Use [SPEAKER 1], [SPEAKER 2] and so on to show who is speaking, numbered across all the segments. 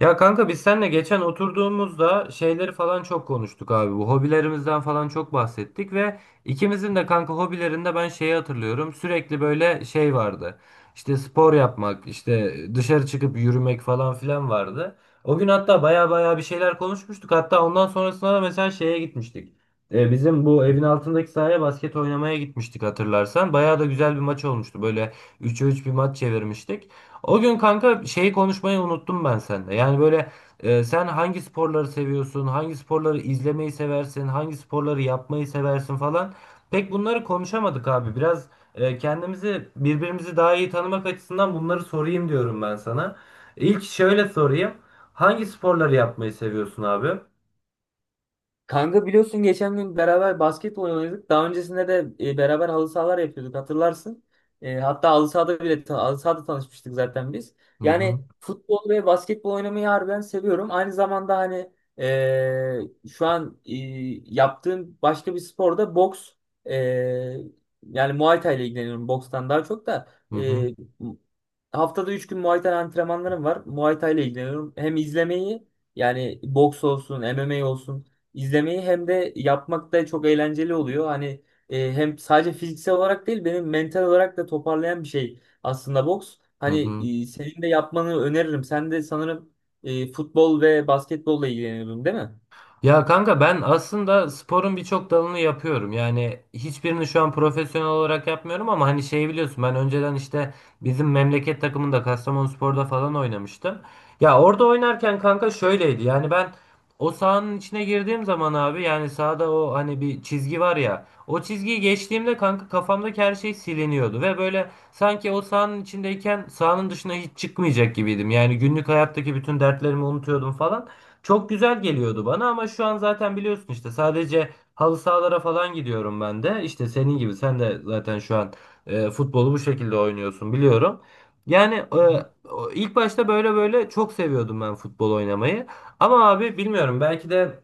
[SPEAKER 1] Ya kanka biz seninle geçen oturduğumuzda şeyleri falan çok konuştuk abi. Bu hobilerimizden falan çok bahsettik ve ikimizin de kanka hobilerinde ben şeyi hatırlıyorum. Sürekli böyle şey vardı. İşte spor yapmak, işte dışarı çıkıp yürümek falan filan vardı. O gün hatta baya baya bir şeyler konuşmuştuk. Hatta ondan sonrasında da mesela şeye gitmiştik. Bizim bu evin altındaki sahaya basket oynamaya gitmiştik hatırlarsan. Baya da güzel bir maç olmuştu. Böyle 3'e 3 bir maç çevirmiştik. O gün kanka şeyi konuşmayı unuttum ben sende. Yani böyle sen hangi sporları seviyorsun, hangi sporları izlemeyi seversin, hangi sporları yapmayı seversin falan. Pek bunları konuşamadık abi. Biraz kendimizi birbirimizi daha iyi tanımak açısından bunları sorayım diyorum ben sana. İlk şöyle sorayım. Hangi sporları yapmayı seviyorsun abi?
[SPEAKER 2] Kanka biliyorsun geçen gün beraber basketbol oynadık. Daha öncesinde de beraber halı sahalar yapıyorduk hatırlarsın. Hatta halı sahada bile halı sahada tanışmıştık zaten biz.
[SPEAKER 1] Hı hı.
[SPEAKER 2] Yani futbol ve basketbol oynamayı harbiden seviyorum. Aynı zamanda hani şu an, yaptığım başka bir sporda boks, e, yani Muay Thai ile ilgileniyorum bokstan daha çok da.
[SPEAKER 1] Hı hı.
[SPEAKER 2] e, Haftada 3 gün Muay Thai antrenmanlarım var. Muay Thai ile ilgileniyorum. Hem izlemeyi, yani boks olsun, MMA olsun. İzlemeyi hem de yapmak da çok eğlenceli oluyor. Hani hem sadece fiziksel olarak değil benim mental olarak da toparlayan bir şey aslında boks.
[SPEAKER 1] Hı
[SPEAKER 2] Hani
[SPEAKER 1] hı.
[SPEAKER 2] senin de yapmanı öneririm. Sen de sanırım futbol ve basketbolla ilgileniyordun değil mi?
[SPEAKER 1] Ya kanka ben aslında sporun birçok dalını yapıyorum. Yani hiçbirini şu an profesyonel olarak yapmıyorum ama hani şeyi biliyorsun ben önceden işte bizim memleket takımında Kastamonuspor'da falan oynamıştım. Ya orada oynarken kanka şöyleydi. Yani ben o sahanın içine girdiğim zaman abi yani sahada o hani bir çizgi var ya. O çizgiyi geçtiğimde kanka kafamdaki her şey siliniyordu ve böyle sanki o sahanın içindeyken sahanın dışına hiç çıkmayacak gibiydim. Yani günlük hayattaki bütün dertlerimi unutuyordum falan. Çok güzel geliyordu bana ama şu an zaten biliyorsun işte sadece halı sahalara falan gidiyorum ben de. İşte senin gibi sen de zaten şu an futbolu bu şekilde oynuyorsun biliyorum. Yani
[SPEAKER 2] hı,
[SPEAKER 1] ilk başta böyle çok seviyordum ben futbol oynamayı. Ama abi bilmiyorum belki de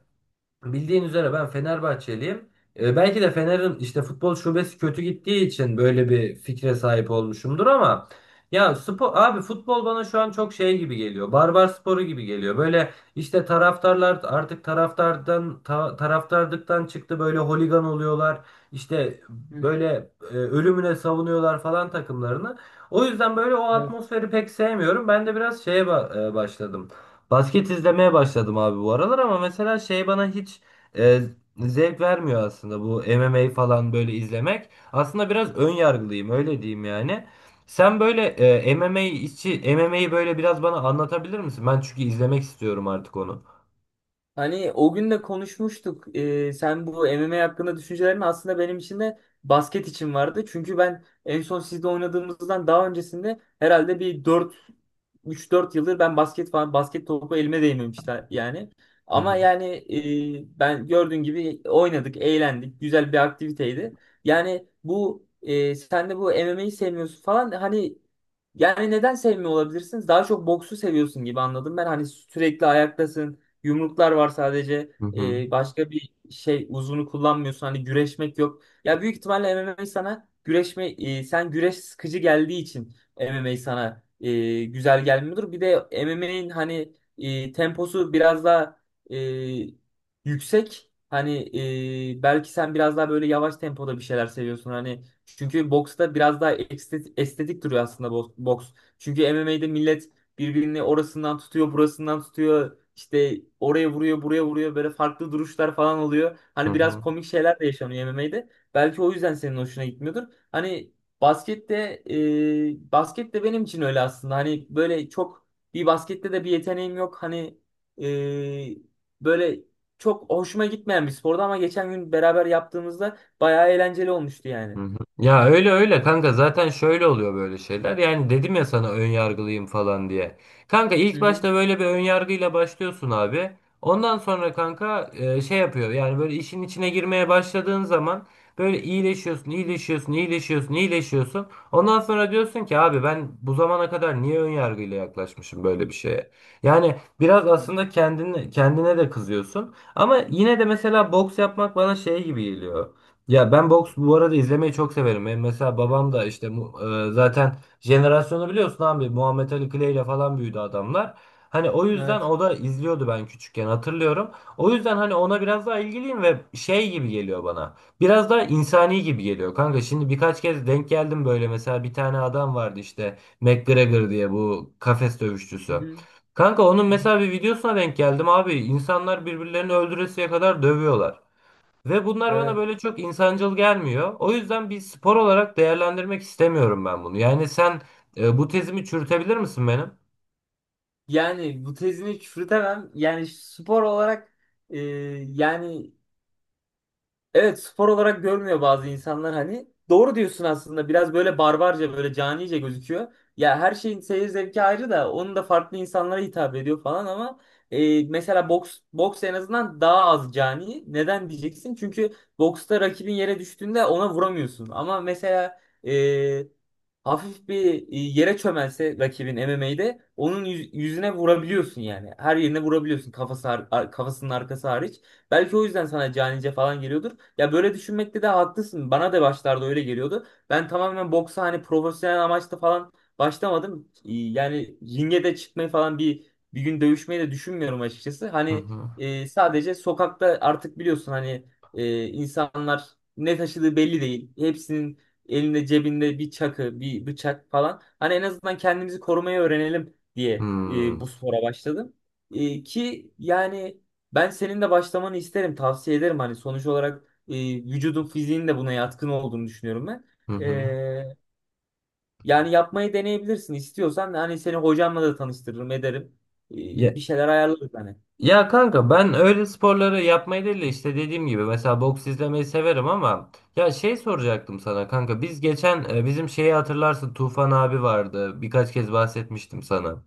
[SPEAKER 1] bildiğin üzere ben Fenerbahçeliyim. E, belki de Fener'in işte futbol şubesi kötü gittiği için böyle bir fikre sahip olmuşumdur ama ya spor abi futbol bana şu an çok şey gibi geliyor. Barbar sporu gibi geliyor. Böyle işte taraftarlar artık taraftarlıktan çıktı böyle holigan oluyorlar. İşte
[SPEAKER 2] hı hı.
[SPEAKER 1] böyle ölümüne savunuyorlar falan takımlarını. O yüzden böyle o
[SPEAKER 2] Evet.
[SPEAKER 1] atmosferi pek sevmiyorum. Ben de biraz başladım. Basket izlemeye başladım abi bu aralar ama mesela şey bana hiç e, zevk vermiyor aslında bu MMA falan böyle izlemek. Aslında biraz ön yargılıyım öyle diyeyim yani. Sen böyle MMA'yi böyle biraz bana anlatabilir misin? Ben çünkü izlemek istiyorum artık onu.
[SPEAKER 2] Hani o gün de konuşmuştuk. Sen bu MMA hakkında düşüncelerin aslında benim için de basket için vardı. Çünkü ben en son sizde oynadığımızdan daha öncesinde herhalde bir dört, üç dört yıldır ben basket falan basket topu elime değmemişti yani.
[SPEAKER 1] Hı
[SPEAKER 2] Ama
[SPEAKER 1] hı.
[SPEAKER 2] yani ben gördüğün gibi oynadık, eğlendik. Güzel bir aktiviteydi. Yani bu, sen de bu MMA'yi sevmiyorsun falan, hani yani neden sevmiyor olabilirsiniz? Daha çok boksu seviyorsun gibi anladım ben. Hani sürekli ayaktasın. Yumruklar var sadece.
[SPEAKER 1] Hı hı.
[SPEAKER 2] Başka bir şey uzunu kullanmıyorsun. Hani güreşmek yok. Ya büyük ihtimalle MMA sana sen güreş sıkıcı geldiği için MMA sana güzel gelmiyordur. Bir de MMA'nin hani temposu biraz daha e, yüksek. Hani belki sen biraz daha böyle yavaş tempoda bir şeyler seviyorsun. Hani çünkü boksta biraz daha estetik, estetik duruyor aslında boks. Çünkü MMA'de millet birbirini orasından tutuyor, burasından tutuyor. İşte oraya vuruyor, buraya vuruyor. Böyle farklı duruşlar falan oluyor.
[SPEAKER 1] Hı
[SPEAKER 2] Hani biraz
[SPEAKER 1] hı.
[SPEAKER 2] komik şeyler de yaşanıyor MMA'de. Belki o yüzden senin hoşuna gitmiyordur. Hani baskette, basket de benim için öyle aslında. Hani böyle çok, bir baskette de bir yeteneğim yok. Hani e, böyle çok hoşuma gitmeyen bir spordu ama geçen gün beraber yaptığımızda bayağı eğlenceli olmuştu
[SPEAKER 1] Hı
[SPEAKER 2] yani.
[SPEAKER 1] hı. Ya öyle öyle kanka zaten şöyle oluyor böyle şeyler. Yani dedim ya sana ön yargılıyım falan diye. Kanka
[SPEAKER 2] Hı
[SPEAKER 1] ilk
[SPEAKER 2] hı.
[SPEAKER 1] başta böyle bir ön yargıyla başlıyorsun abi. Ondan sonra kanka şey yapıyor. Yani böyle işin içine girmeye başladığın zaman böyle iyileşiyorsun, iyileşiyorsun, iyileşiyorsun, iyileşiyorsun. Ondan sonra diyorsun ki abi ben bu zamana kadar niye ön yargıyla yaklaşmışım böyle bir şeye? Yani biraz aslında kendine de kızıyorsun. Ama yine de mesela boks yapmak bana şey gibi geliyor. Ya ben boks bu arada izlemeyi çok severim. Benim mesela babam da işte zaten jenerasyonu biliyorsun abi Muhammed Ali Clay ile falan büyüdü adamlar. Hani o yüzden
[SPEAKER 2] Evet.
[SPEAKER 1] o da izliyordu ben küçükken hatırlıyorum. O yüzden hani ona biraz daha ilgiliyim ve şey gibi geliyor bana. Biraz daha insani gibi geliyor kanka. Şimdi birkaç kez denk geldim böyle mesela bir tane adam vardı işte McGregor diye bu kafes
[SPEAKER 2] Hı
[SPEAKER 1] dövüşçüsü.
[SPEAKER 2] hı.
[SPEAKER 1] Kanka onun
[SPEAKER 2] Hı hı.
[SPEAKER 1] mesela bir videosuna denk geldim abi. İnsanlar birbirlerini öldüresiye kadar dövüyorlar. Ve bunlar bana
[SPEAKER 2] Evet.
[SPEAKER 1] böyle çok insancıl gelmiyor. O yüzden bir spor olarak değerlendirmek istemiyorum ben bunu. Yani sen bu tezimi çürütebilir misin benim?
[SPEAKER 2] Yani bu tezini çürütemem. Yani spor olarak, e, yani, evet, spor olarak görmüyor bazı insanlar hani. Doğru diyorsun aslında. Biraz böyle barbarca, böyle canice gözüküyor. Ya her şeyin seyir zevki ayrı da onun da farklı insanlara hitap ediyor falan ama mesela boks en azından daha az cani. Neden diyeceksin? Çünkü boksta rakibin yere düştüğünde ona vuramıyorsun. Ama mesela e, hafif bir, yere çömelse rakibin MMA'de onun yüzüne vurabiliyorsun yani. Her yerine vurabiliyorsun, kafası kafasının arkası hariç. Belki o yüzden sana canice falan geliyordur. Ya böyle düşünmekte de haklısın. Bana da başlarda öyle geliyordu. Ben tamamen boksa hani profesyonel amaçla falan başlamadım. Yani ringe de çıkmayı falan bir gün dövüşmeyi de düşünmüyorum açıkçası.
[SPEAKER 1] Hı
[SPEAKER 2] Hani
[SPEAKER 1] hı.
[SPEAKER 2] sadece sokakta artık biliyorsun hani insanlar ne taşıdığı belli değil. Hepsinin elinde cebinde bir çakı, bir bıçak falan. Hani en azından kendimizi korumayı öğrenelim diye bu
[SPEAKER 1] Hmm.
[SPEAKER 2] spora başladım. E, ki yani ben senin de başlamanı isterim, tavsiye ederim. Hani sonuç olarak vücudun fiziğinin de buna yatkın olduğunu düşünüyorum ben.
[SPEAKER 1] Hı hı.
[SPEAKER 2] E, Yani yapmayı deneyebilirsin istiyorsan. Hani seni hocamla da tanıştırırım ederim. E,
[SPEAKER 1] Ya,
[SPEAKER 2] Bir şeyler ayarlarız hani.
[SPEAKER 1] ya kanka ben öyle sporları yapmayı değil de işte dediğim gibi mesela boks izlemeyi severim ama ya şey soracaktım sana kanka biz geçen bizim şeyi hatırlarsın Tufan abi vardı birkaç kez bahsetmiştim sana.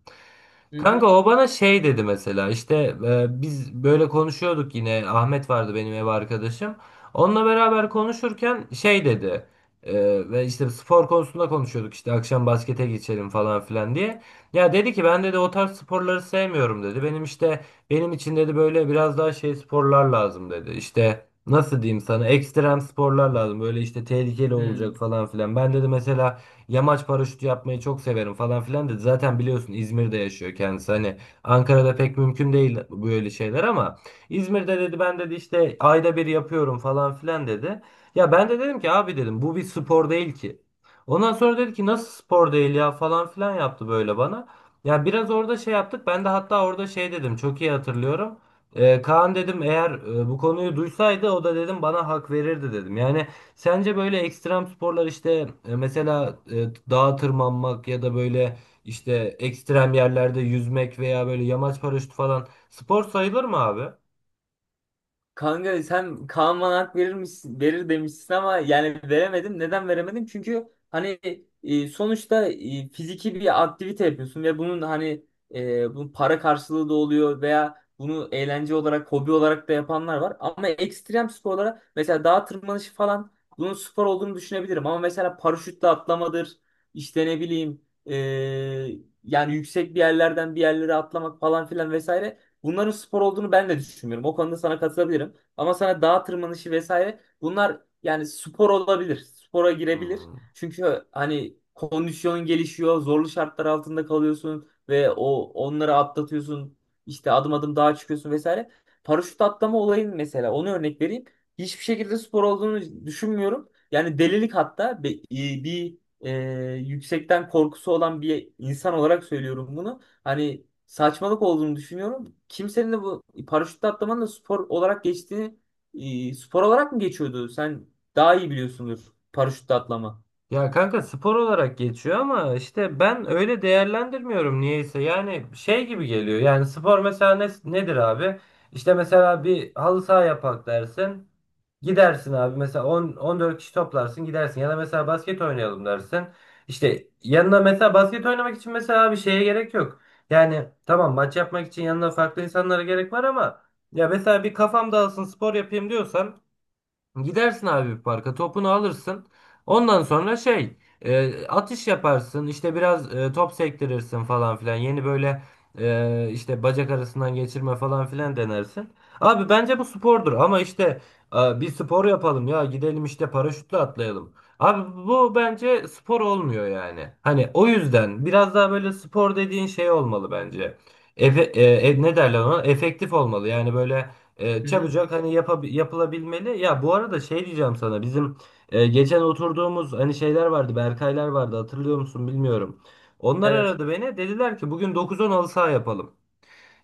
[SPEAKER 2] Hı
[SPEAKER 1] Kanka
[SPEAKER 2] hı.
[SPEAKER 1] o bana şey dedi mesela işte biz böyle konuşuyorduk yine Ahmet vardı benim ev arkadaşım. Onunla beraber konuşurken şey dedi e, ve işte spor konusunda konuşuyorduk işte akşam baskete geçelim falan filan diye. Ya dedi ki ben dedi o tarz sporları sevmiyorum dedi. Benim için dedi böyle biraz daha şey sporlar lazım dedi. İşte nasıl diyeyim sana ekstrem sporlar lazım böyle işte tehlikeli
[SPEAKER 2] Hı.
[SPEAKER 1] olacak falan filan. Ben dedi mesela yamaç paraşütü yapmayı çok severim falan filan dedi. Zaten biliyorsun İzmir'de yaşıyor kendisi. Hani Ankara'da pek mümkün değil böyle şeyler ama İzmir'de dedi ben dedi işte ayda 1 yapıyorum falan filan dedi. Ya ben de dedim ki abi dedim bu bir spor değil ki. Ondan sonra dedi ki nasıl spor değil ya falan filan yaptı böyle bana. Ya biraz orada şey yaptık. Ben de hatta orada şey dedim. Çok iyi hatırlıyorum. Kaan dedim eğer bu konuyu duysaydı o da dedim bana hak verirdi dedim. Yani sence böyle ekstrem sporlar işte dağa tırmanmak ya da böyle işte ekstrem yerlerde yüzmek veya böyle yamaç paraşütü falan spor sayılır mı abi?
[SPEAKER 2] Kanka sen Kaan bana hak verir misin, verir demişsin ama yani veremedim. Neden veremedim? Çünkü hani sonuçta fiziki bir aktivite yapıyorsun ve bunun hani bunun para karşılığı da oluyor veya bunu eğlence olarak, hobi olarak da yapanlar var. Ama ekstrem sporlara mesela dağ tırmanışı falan, bunun spor olduğunu düşünebilirim. Ama mesela paraşütle atlamadır, işte ne bileyim, e, yani yüksek bir yerlerden bir yerlere atlamak falan filan vesaire. Bunların spor olduğunu ben de düşünmüyorum. O konuda sana katılabilirim. Ama sana dağ tırmanışı vesaire, bunlar yani spor olabilir. Spora girebilir.
[SPEAKER 1] Hmm.
[SPEAKER 2] Çünkü hani kondisyon gelişiyor. Zorlu şartlar altında kalıyorsun ve o onları atlatıyorsun. İşte adım adım dağa çıkıyorsun vesaire. Paraşüt atlama olayın mesela, onu örnek vereyim. Hiçbir şekilde spor olduğunu düşünmüyorum. Yani delilik, hatta bir e, yüksekten korkusu olan bir insan olarak söylüyorum bunu. Hani saçmalık olduğunu düşünüyorum. Kimsenin de bu paraşütle atlamanın da spor olarak geçtiğini, spor olarak mı geçiyordu? Sen daha iyi biliyorsundur, paraşütle atlama.
[SPEAKER 1] Ya kanka spor olarak geçiyor ama işte ben öyle değerlendirmiyorum niyeyse. Yani şey gibi geliyor. Yani spor mesela nedir abi? İşte mesela bir halı saha yapak dersin. Gidersin abi mesela 10 14 kişi toplarsın gidersin ya da mesela basket oynayalım dersin. İşte yanına mesela basket oynamak için mesela bir şeye gerek yok. Yani tamam maç yapmak için yanına farklı insanlara gerek var ama ya mesela bir kafam dağılsın spor yapayım diyorsan gidersin abi bir parka topunu alırsın. Ondan sonra atış yaparsın işte biraz top sektirirsin falan filan. Yeni böyle işte bacak arasından geçirme falan filan denersin. Abi bence bu spordur ama işte bir spor yapalım ya gidelim işte paraşütle atlayalım. Abi bu bence spor olmuyor yani. Hani o yüzden biraz daha böyle spor dediğin şey olmalı bence. Efe, e, ne derler ona? Efektif olmalı yani böyle. E,
[SPEAKER 2] Hı hı.
[SPEAKER 1] çabucak hani yapılabilmeli. Ya bu arada şey diyeceğim sana. Bizim geçen oturduğumuz hani şeyler vardı. Berkaylar vardı. Hatırlıyor musun bilmiyorum. Onlar
[SPEAKER 2] Evet.
[SPEAKER 1] aradı beni. Dediler ki bugün 9-10 halı saha yapalım.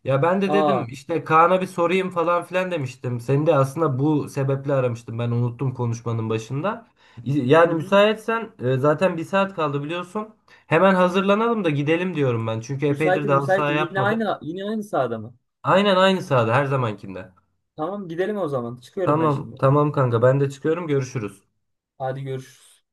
[SPEAKER 1] Ya ben de dedim
[SPEAKER 2] Aa,
[SPEAKER 1] işte Kaan'a bir sorayım falan filan demiştim. Seni de aslında bu sebeple aramıştım. Ben unuttum konuşmanın başında.
[SPEAKER 2] hı
[SPEAKER 1] Yani
[SPEAKER 2] hı.
[SPEAKER 1] müsaitsen zaten 1 saat kaldı biliyorsun. Hemen hazırlanalım da gidelim diyorum ben. Çünkü epeydir de
[SPEAKER 2] Müsaitim,
[SPEAKER 1] halı saha
[SPEAKER 2] müsaitim. Yine
[SPEAKER 1] yapmadık.
[SPEAKER 2] aynı yine aynı sahada mı?
[SPEAKER 1] Aynen aynı sahada her zamankinde.
[SPEAKER 2] Tamam, gidelim o zaman. Çıkıyorum ben
[SPEAKER 1] Tamam,
[SPEAKER 2] şimdi.
[SPEAKER 1] tamam kanka ben de çıkıyorum görüşürüz.
[SPEAKER 2] Hadi görüşürüz.